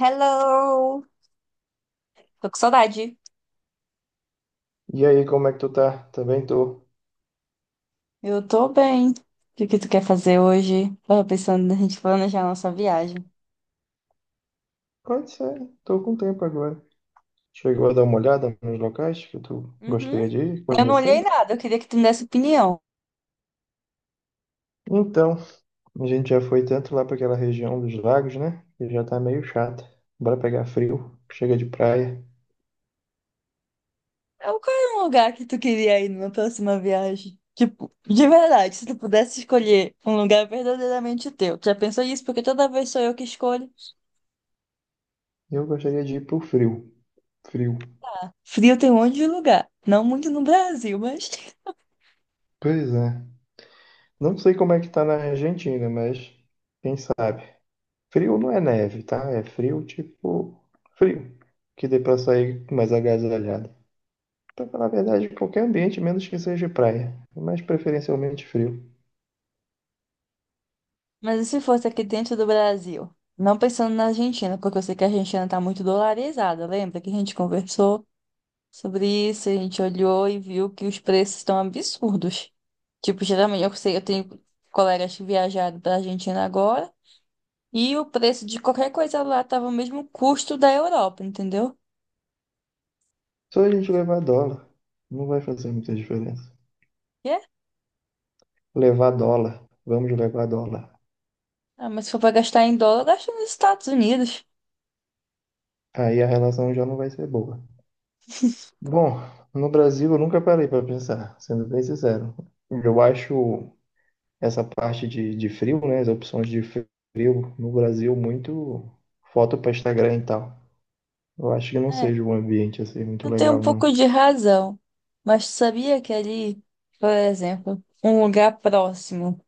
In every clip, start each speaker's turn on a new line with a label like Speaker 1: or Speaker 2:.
Speaker 1: Hello! Tô com saudade.
Speaker 2: E aí, como é que tu tá? Também tô.
Speaker 1: Eu tô bem. O que que tu quer fazer hoje? Tava pensando na gente planejar a nossa viagem.
Speaker 2: Pode ser, tô com tempo agora. Chegou a dar uma olhada nos locais que tu
Speaker 1: Uhum.
Speaker 2: gostaria de ir
Speaker 1: Eu não olhei
Speaker 2: conhecendo?
Speaker 1: nada, eu queria que tu me desse opinião.
Speaker 2: Então, a gente já foi tanto lá para aquela região dos lagos, né? Que já tá meio chata. Bora pegar frio, chega de praia.
Speaker 1: É, qual é o lugar que tu queria ir numa próxima viagem? Tipo, de verdade, se tu pudesse escolher um lugar verdadeiramente teu. Tu já pensou nisso? Porque toda vez sou eu que escolho.
Speaker 2: Eu gostaria de ir pro frio. Frio.
Speaker 1: Frio tem um monte de lugar. Não muito no Brasil, mas...
Speaker 2: Pois é. Não sei como é que tá na Argentina, mas quem sabe. Frio não é neve, tá? É frio tipo frio, que dê pra sair mais agasalhado. Pra falar a verdade, qualquer ambiente, menos que seja praia, mas preferencialmente frio.
Speaker 1: Mas e se fosse aqui dentro do Brasil? Não pensando na Argentina, porque eu sei que a Argentina está muito dolarizada. Lembra que a gente conversou sobre isso, a gente olhou e viu que os preços estão absurdos. Tipo, geralmente eu sei, eu tenho colegas que viajaram para a Argentina agora e o preço de qualquer coisa lá estava o mesmo custo da Europa, entendeu?
Speaker 2: Só a gente levar dólar, não vai fazer muita diferença.
Speaker 1: E é?
Speaker 2: Levar dólar, vamos levar dólar.
Speaker 1: Ah, mas se for para gastar em dólar, gasta nos Estados Unidos.
Speaker 2: Aí a relação já não vai ser boa. Bom, no Brasil eu nunca parei para pensar, sendo bem sincero. Eu acho essa parte de frio, né, as opções de frio no Brasil muito foto para Instagram e tal. Eu acho que não
Speaker 1: É,
Speaker 2: seja um ambiente assim muito
Speaker 1: tu tem um
Speaker 2: legal,
Speaker 1: pouco
Speaker 2: não.
Speaker 1: de razão. Mas tu sabia que ali, por exemplo, um lugar próximo,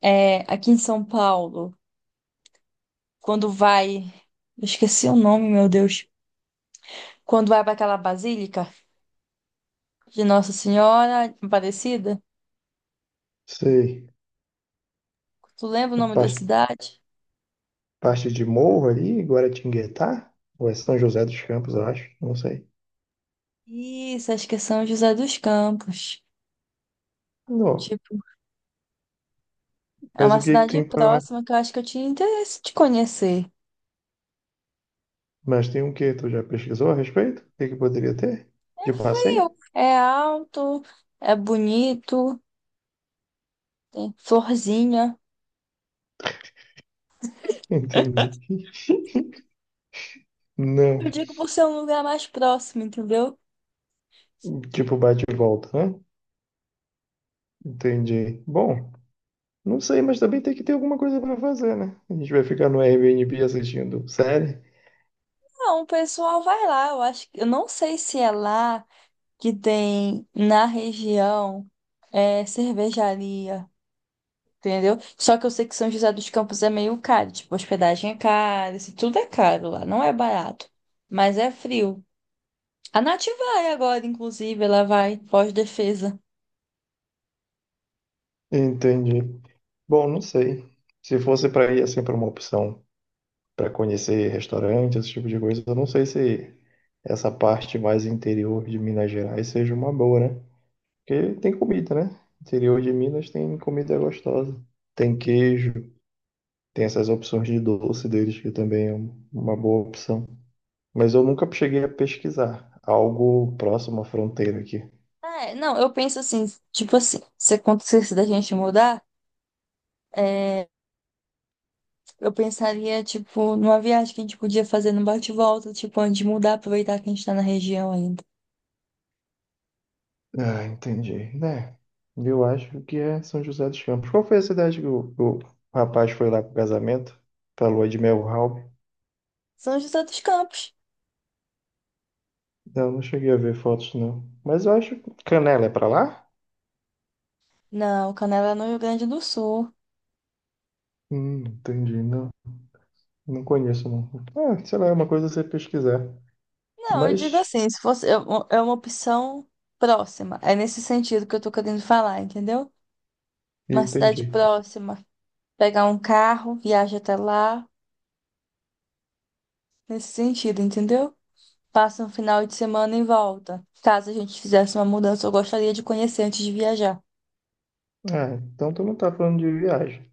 Speaker 1: é, aqui em São Paulo, quando vai. Eu Esqueci o nome, meu Deus. Quando vai para aquela basílica de Nossa Senhora Aparecida,
Speaker 2: Sei.
Speaker 1: tu lembra o
Speaker 2: A
Speaker 1: nome da
Speaker 2: parte
Speaker 1: cidade?
Speaker 2: parte de Morro ali, Guaratinguetá, ou é São José dos Campos, eu acho, não sei.
Speaker 1: Isso, acho que é São José dos Campos.
Speaker 2: Não.
Speaker 1: Tipo, é
Speaker 2: Mas
Speaker 1: uma
Speaker 2: o que que
Speaker 1: cidade
Speaker 2: tem para lá?
Speaker 1: próxima que eu acho que eu tinha interesse de conhecer.
Speaker 2: Mas tem o que? Tu já pesquisou a respeito? O que que poderia ter?
Speaker 1: É
Speaker 2: De passeio?
Speaker 1: frio, é alto, é bonito, tem florzinha.
Speaker 2: Entendi.
Speaker 1: Eu
Speaker 2: Não.
Speaker 1: digo por ser um lugar mais próximo, entendeu?
Speaker 2: Tipo bate e volta, né? Entendi. Bom, não sei, mas também tem que ter alguma coisa para fazer, né? A gente vai ficar no Airbnb assistindo série?
Speaker 1: Não, o pessoal vai lá, eu acho que eu não sei se é lá que tem na região é cervejaria, entendeu? Só que eu sei que São José dos Campos é meio caro, tipo, hospedagem é cara, isso tudo é caro lá, não é barato, mas é frio. A Nath vai agora, inclusive, ela vai pós-defesa.
Speaker 2: Entendi. Bom, não sei. Se fosse para ir assim para uma opção para conhecer restaurante, esse tipo de coisa. Eu não sei se essa parte mais interior de Minas Gerais seja uma boa, né? Porque tem comida, né? Interior de Minas tem comida gostosa. Tem queijo, tem essas opções de doce deles, que também é uma boa opção. Mas eu nunca cheguei a pesquisar algo próximo à fronteira aqui.
Speaker 1: Ah, é, não, eu penso assim, tipo assim, se acontecesse da gente mudar, eu pensaria, tipo, numa viagem que a gente podia fazer no bate-volta, tipo, antes de mudar, aproveitar que a gente tá na região ainda.
Speaker 2: Ah, entendi. Né? Eu acho que é São José dos Campos. Qual foi a cidade que o rapaz foi lá pro casamento? Pra lua de mel, Raul?
Speaker 1: São José dos Campos.
Speaker 2: Não, não cheguei a ver fotos, não. Mas eu acho que Canela é pra lá?
Speaker 1: Não, Canela é no Rio Grande do Sul.
Speaker 2: Entendi. Não, não conheço, não. Ah, sei lá, é uma coisa você pesquisar.
Speaker 1: Não, eu digo
Speaker 2: Mas,
Speaker 1: assim, se fosse é uma opção próxima. É nesse sentido que eu tô querendo falar, entendeu? Uma cidade
Speaker 2: entendi.
Speaker 1: próxima, pegar um carro, viaja até lá, nesse sentido, entendeu? Passa um final de semana e volta. Caso a gente fizesse uma mudança, eu gostaria de conhecer antes de viajar.
Speaker 2: Ah, então tu não tá falando de viagem.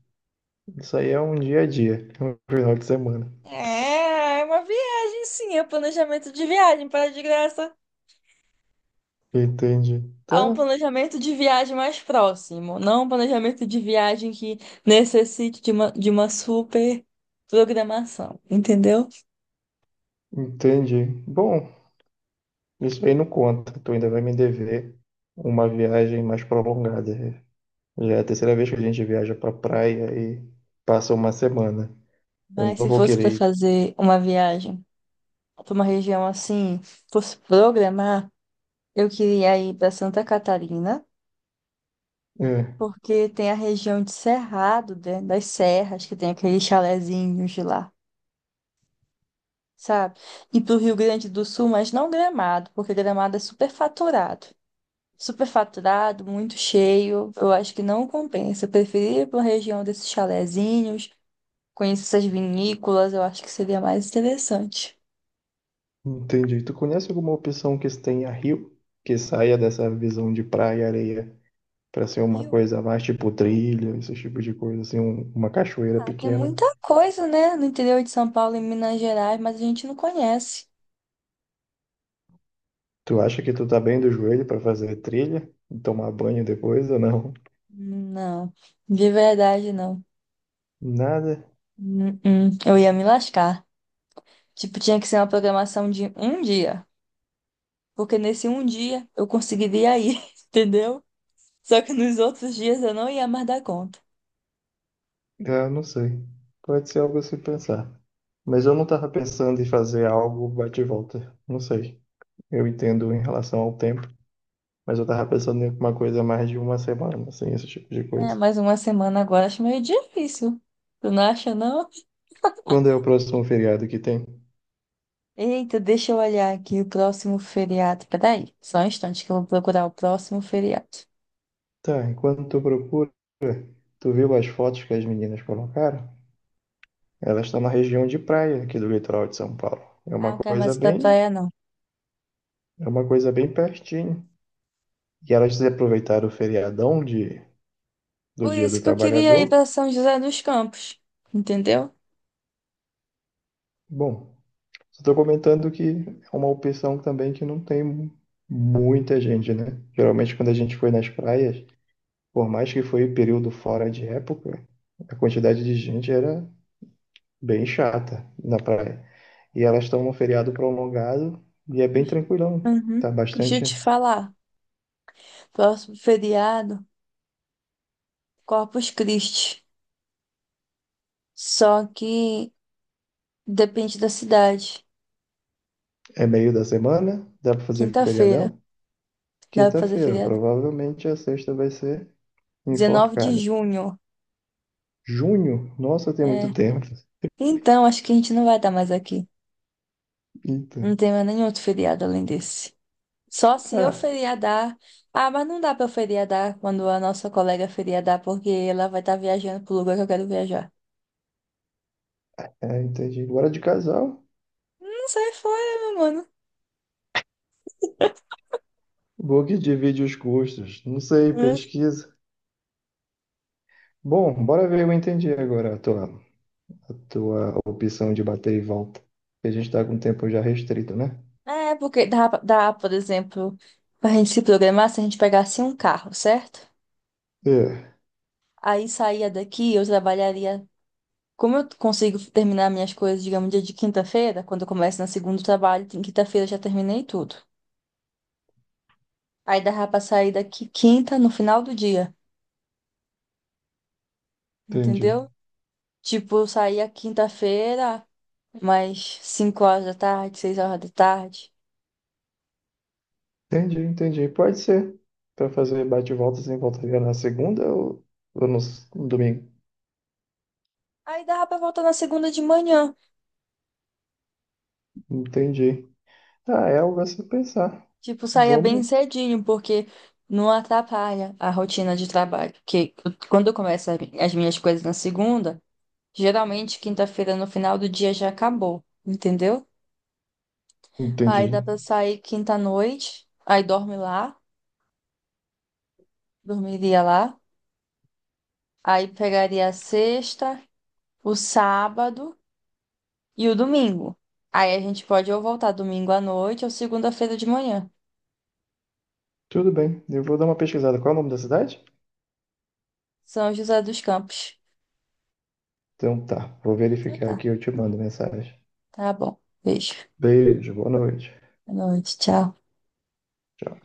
Speaker 2: Isso aí é um dia a dia, é um final de semana.
Speaker 1: É, é uma viagem, sim, é planejamento de viagem, para de graça.
Speaker 2: Entendi.
Speaker 1: A um
Speaker 2: Tá,
Speaker 1: planejamento de viagem mais próximo, não um planejamento de viagem que necessite de uma, super programação, entendeu?
Speaker 2: entendi. Bom, isso aí não conta. Tu ainda vai me dever uma viagem mais prolongada. Já é a terceira vez que a gente viaja pra praia e passa uma semana. Eu
Speaker 1: Mas
Speaker 2: não
Speaker 1: se
Speaker 2: vou
Speaker 1: fosse para
Speaker 2: querer.
Speaker 1: fazer uma viagem para uma região assim, fosse programar, eu queria ir para Santa Catarina,
Speaker 2: Ir. É.
Speaker 1: porque tem a região de Cerrado, né, das serras, que tem aqueles chalezinhos de lá. Sabe? E para o Rio Grande do Sul, mas não Gramado, porque Gramado é super faturado. Superfaturado, muito cheio. Eu acho que não compensa. Eu preferia ir para uma região desses chalezinhos, conhecer essas vinícolas, eu acho que seria mais interessante.
Speaker 2: Entendi. Tu conhece alguma opção que tenha rio, que saia dessa visão de praia e areia, para ser uma
Speaker 1: Rio?
Speaker 2: coisa mais tipo trilha, esse tipo de coisa, assim, uma cachoeira
Speaker 1: Ah, tem
Speaker 2: pequena?
Speaker 1: muita coisa, né? No interior de São Paulo e Minas Gerais, mas a gente não conhece.
Speaker 2: Tu acha que tu tá bem do joelho para fazer trilha e tomar banho depois ou não?
Speaker 1: Não, de verdade não.
Speaker 2: Nada?
Speaker 1: Eu ia me lascar. Tipo, tinha que ser uma programação de um dia. Porque nesse um dia eu conseguiria ir, entendeu? Só que nos outros dias eu não ia mais dar conta.
Speaker 2: Ah, não sei. Pode ser algo a se pensar. Mas eu não tava pensando em fazer algo bate e volta. Não sei. Eu entendo em relação ao tempo, mas eu tava pensando em uma coisa mais de uma semana, assim, esse tipo de
Speaker 1: É,
Speaker 2: coisa.
Speaker 1: mais uma semana agora acho meio difícil. Tu não acha, não?
Speaker 2: Quando é o próximo feriado que tem?
Speaker 1: Eita, deixa eu olhar aqui o próximo feriado. Peraí, só um instante que eu vou procurar o próximo feriado.
Speaker 2: Tá, enquanto tu procura, tu viu as fotos que as meninas colocaram? Elas estão na região de praia aqui do litoral de São Paulo. É
Speaker 1: Ah,
Speaker 2: uma
Speaker 1: não quero
Speaker 2: coisa
Speaker 1: mais ir pra
Speaker 2: bem,
Speaker 1: praia, não.
Speaker 2: é uma coisa bem pertinho. E elas aproveitaram o feriadão de, do
Speaker 1: Por
Speaker 2: Dia
Speaker 1: isso
Speaker 2: do
Speaker 1: que eu queria ir
Speaker 2: Trabalhador.
Speaker 1: pra São José dos Campos, entendeu?
Speaker 2: Bom, só estou comentando que é uma opção também que não tem muita gente, né? Geralmente quando a gente foi nas praias, por mais que foi período fora de época, a quantidade de gente era bem chata na praia. E elas estão num feriado prolongado e é bem
Speaker 1: Ju-
Speaker 2: tranquilão.
Speaker 1: Uhum.
Speaker 2: Tá
Speaker 1: Deixa eu
Speaker 2: bastante.
Speaker 1: te falar. Próximo feriado, Corpus Christi. Só que depende da cidade.
Speaker 2: É meio da semana, dá pra fazer
Speaker 1: Quinta-feira,
Speaker 2: feriadão.
Speaker 1: dá pra fazer
Speaker 2: Quinta-feira,
Speaker 1: feriado?
Speaker 2: provavelmente a sexta vai ser
Speaker 1: 19 de
Speaker 2: enforcada.
Speaker 1: junho.
Speaker 2: Junho, nossa, tem muito
Speaker 1: É.
Speaker 2: tempo.
Speaker 1: Então, acho que a gente não vai estar mais aqui. Não
Speaker 2: Então,
Speaker 1: tem mais nenhum outro feriado além desse. Só se eu
Speaker 2: ah,
Speaker 1: feriadar. Ah, mas não dá pra eu feriadar quando a nossa colega feriadar, porque ela vai estar viajando pro lugar que eu quero viajar.
Speaker 2: é, entendi. Agora de casal,
Speaker 1: Não sai fora, meu mano.
Speaker 2: book divide os gostos. Não sei,
Speaker 1: Hum.
Speaker 2: pesquisa. Bom, bora ver, eu entendi agora a tua opção de bater e volta. Porque a gente tá com o tempo já restrito, né?
Speaker 1: É, porque dá, por exemplo, pra gente se programar se a gente pegasse um carro, certo?
Speaker 2: É,
Speaker 1: Aí saía daqui, eu trabalharia. Como eu consigo terminar minhas coisas, digamos, dia de quinta-feira, quando eu começo na segunda trabalho, em quinta-feira eu já terminei tudo. Aí dava pra sair daqui quinta, no final do dia,
Speaker 2: entendi.
Speaker 1: entendeu? Tipo, eu saía quinta-feira, mais 5 horas da tarde, 6 horas da tarde.
Speaker 2: Entendi, entendi. Pode ser. Pra fazer bate-volta sem volta e na segunda ou no, no domingo.
Speaker 1: Aí dava pra voltar na segunda de manhã.
Speaker 2: Entendi. Ah, é algo a se pensar.
Speaker 1: Tipo, saía bem
Speaker 2: Vamos.
Speaker 1: cedinho, porque não atrapalha a rotina de trabalho. Porque quando eu começo as minhas coisas na segunda, geralmente quinta-feira no final do dia já acabou, entendeu?
Speaker 2: Entendi.
Speaker 1: Aí dá pra sair quinta-noite, aí dormiria lá. Aí pegaria a sexta, o sábado. E o domingo. Aí a gente pode ou voltar domingo à noite ou segunda-feira de manhã.
Speaker 2: Tudo bem. Eu vou dar uma pesquisada. Qual é o nome da cidade?
Speaker 1: São José dos Campos.
Speaker 2: Então tá. Vou
Speaker 1: Então
Speaker 2: verificar
Speaker 1: tá,
Speaker 2: aqui e eu te mando mensagem.
Speaker 1: tá bom. Beijo.
Speaker 2: Beijo, boa noite.
Speaker 1: Boa noite, tchau.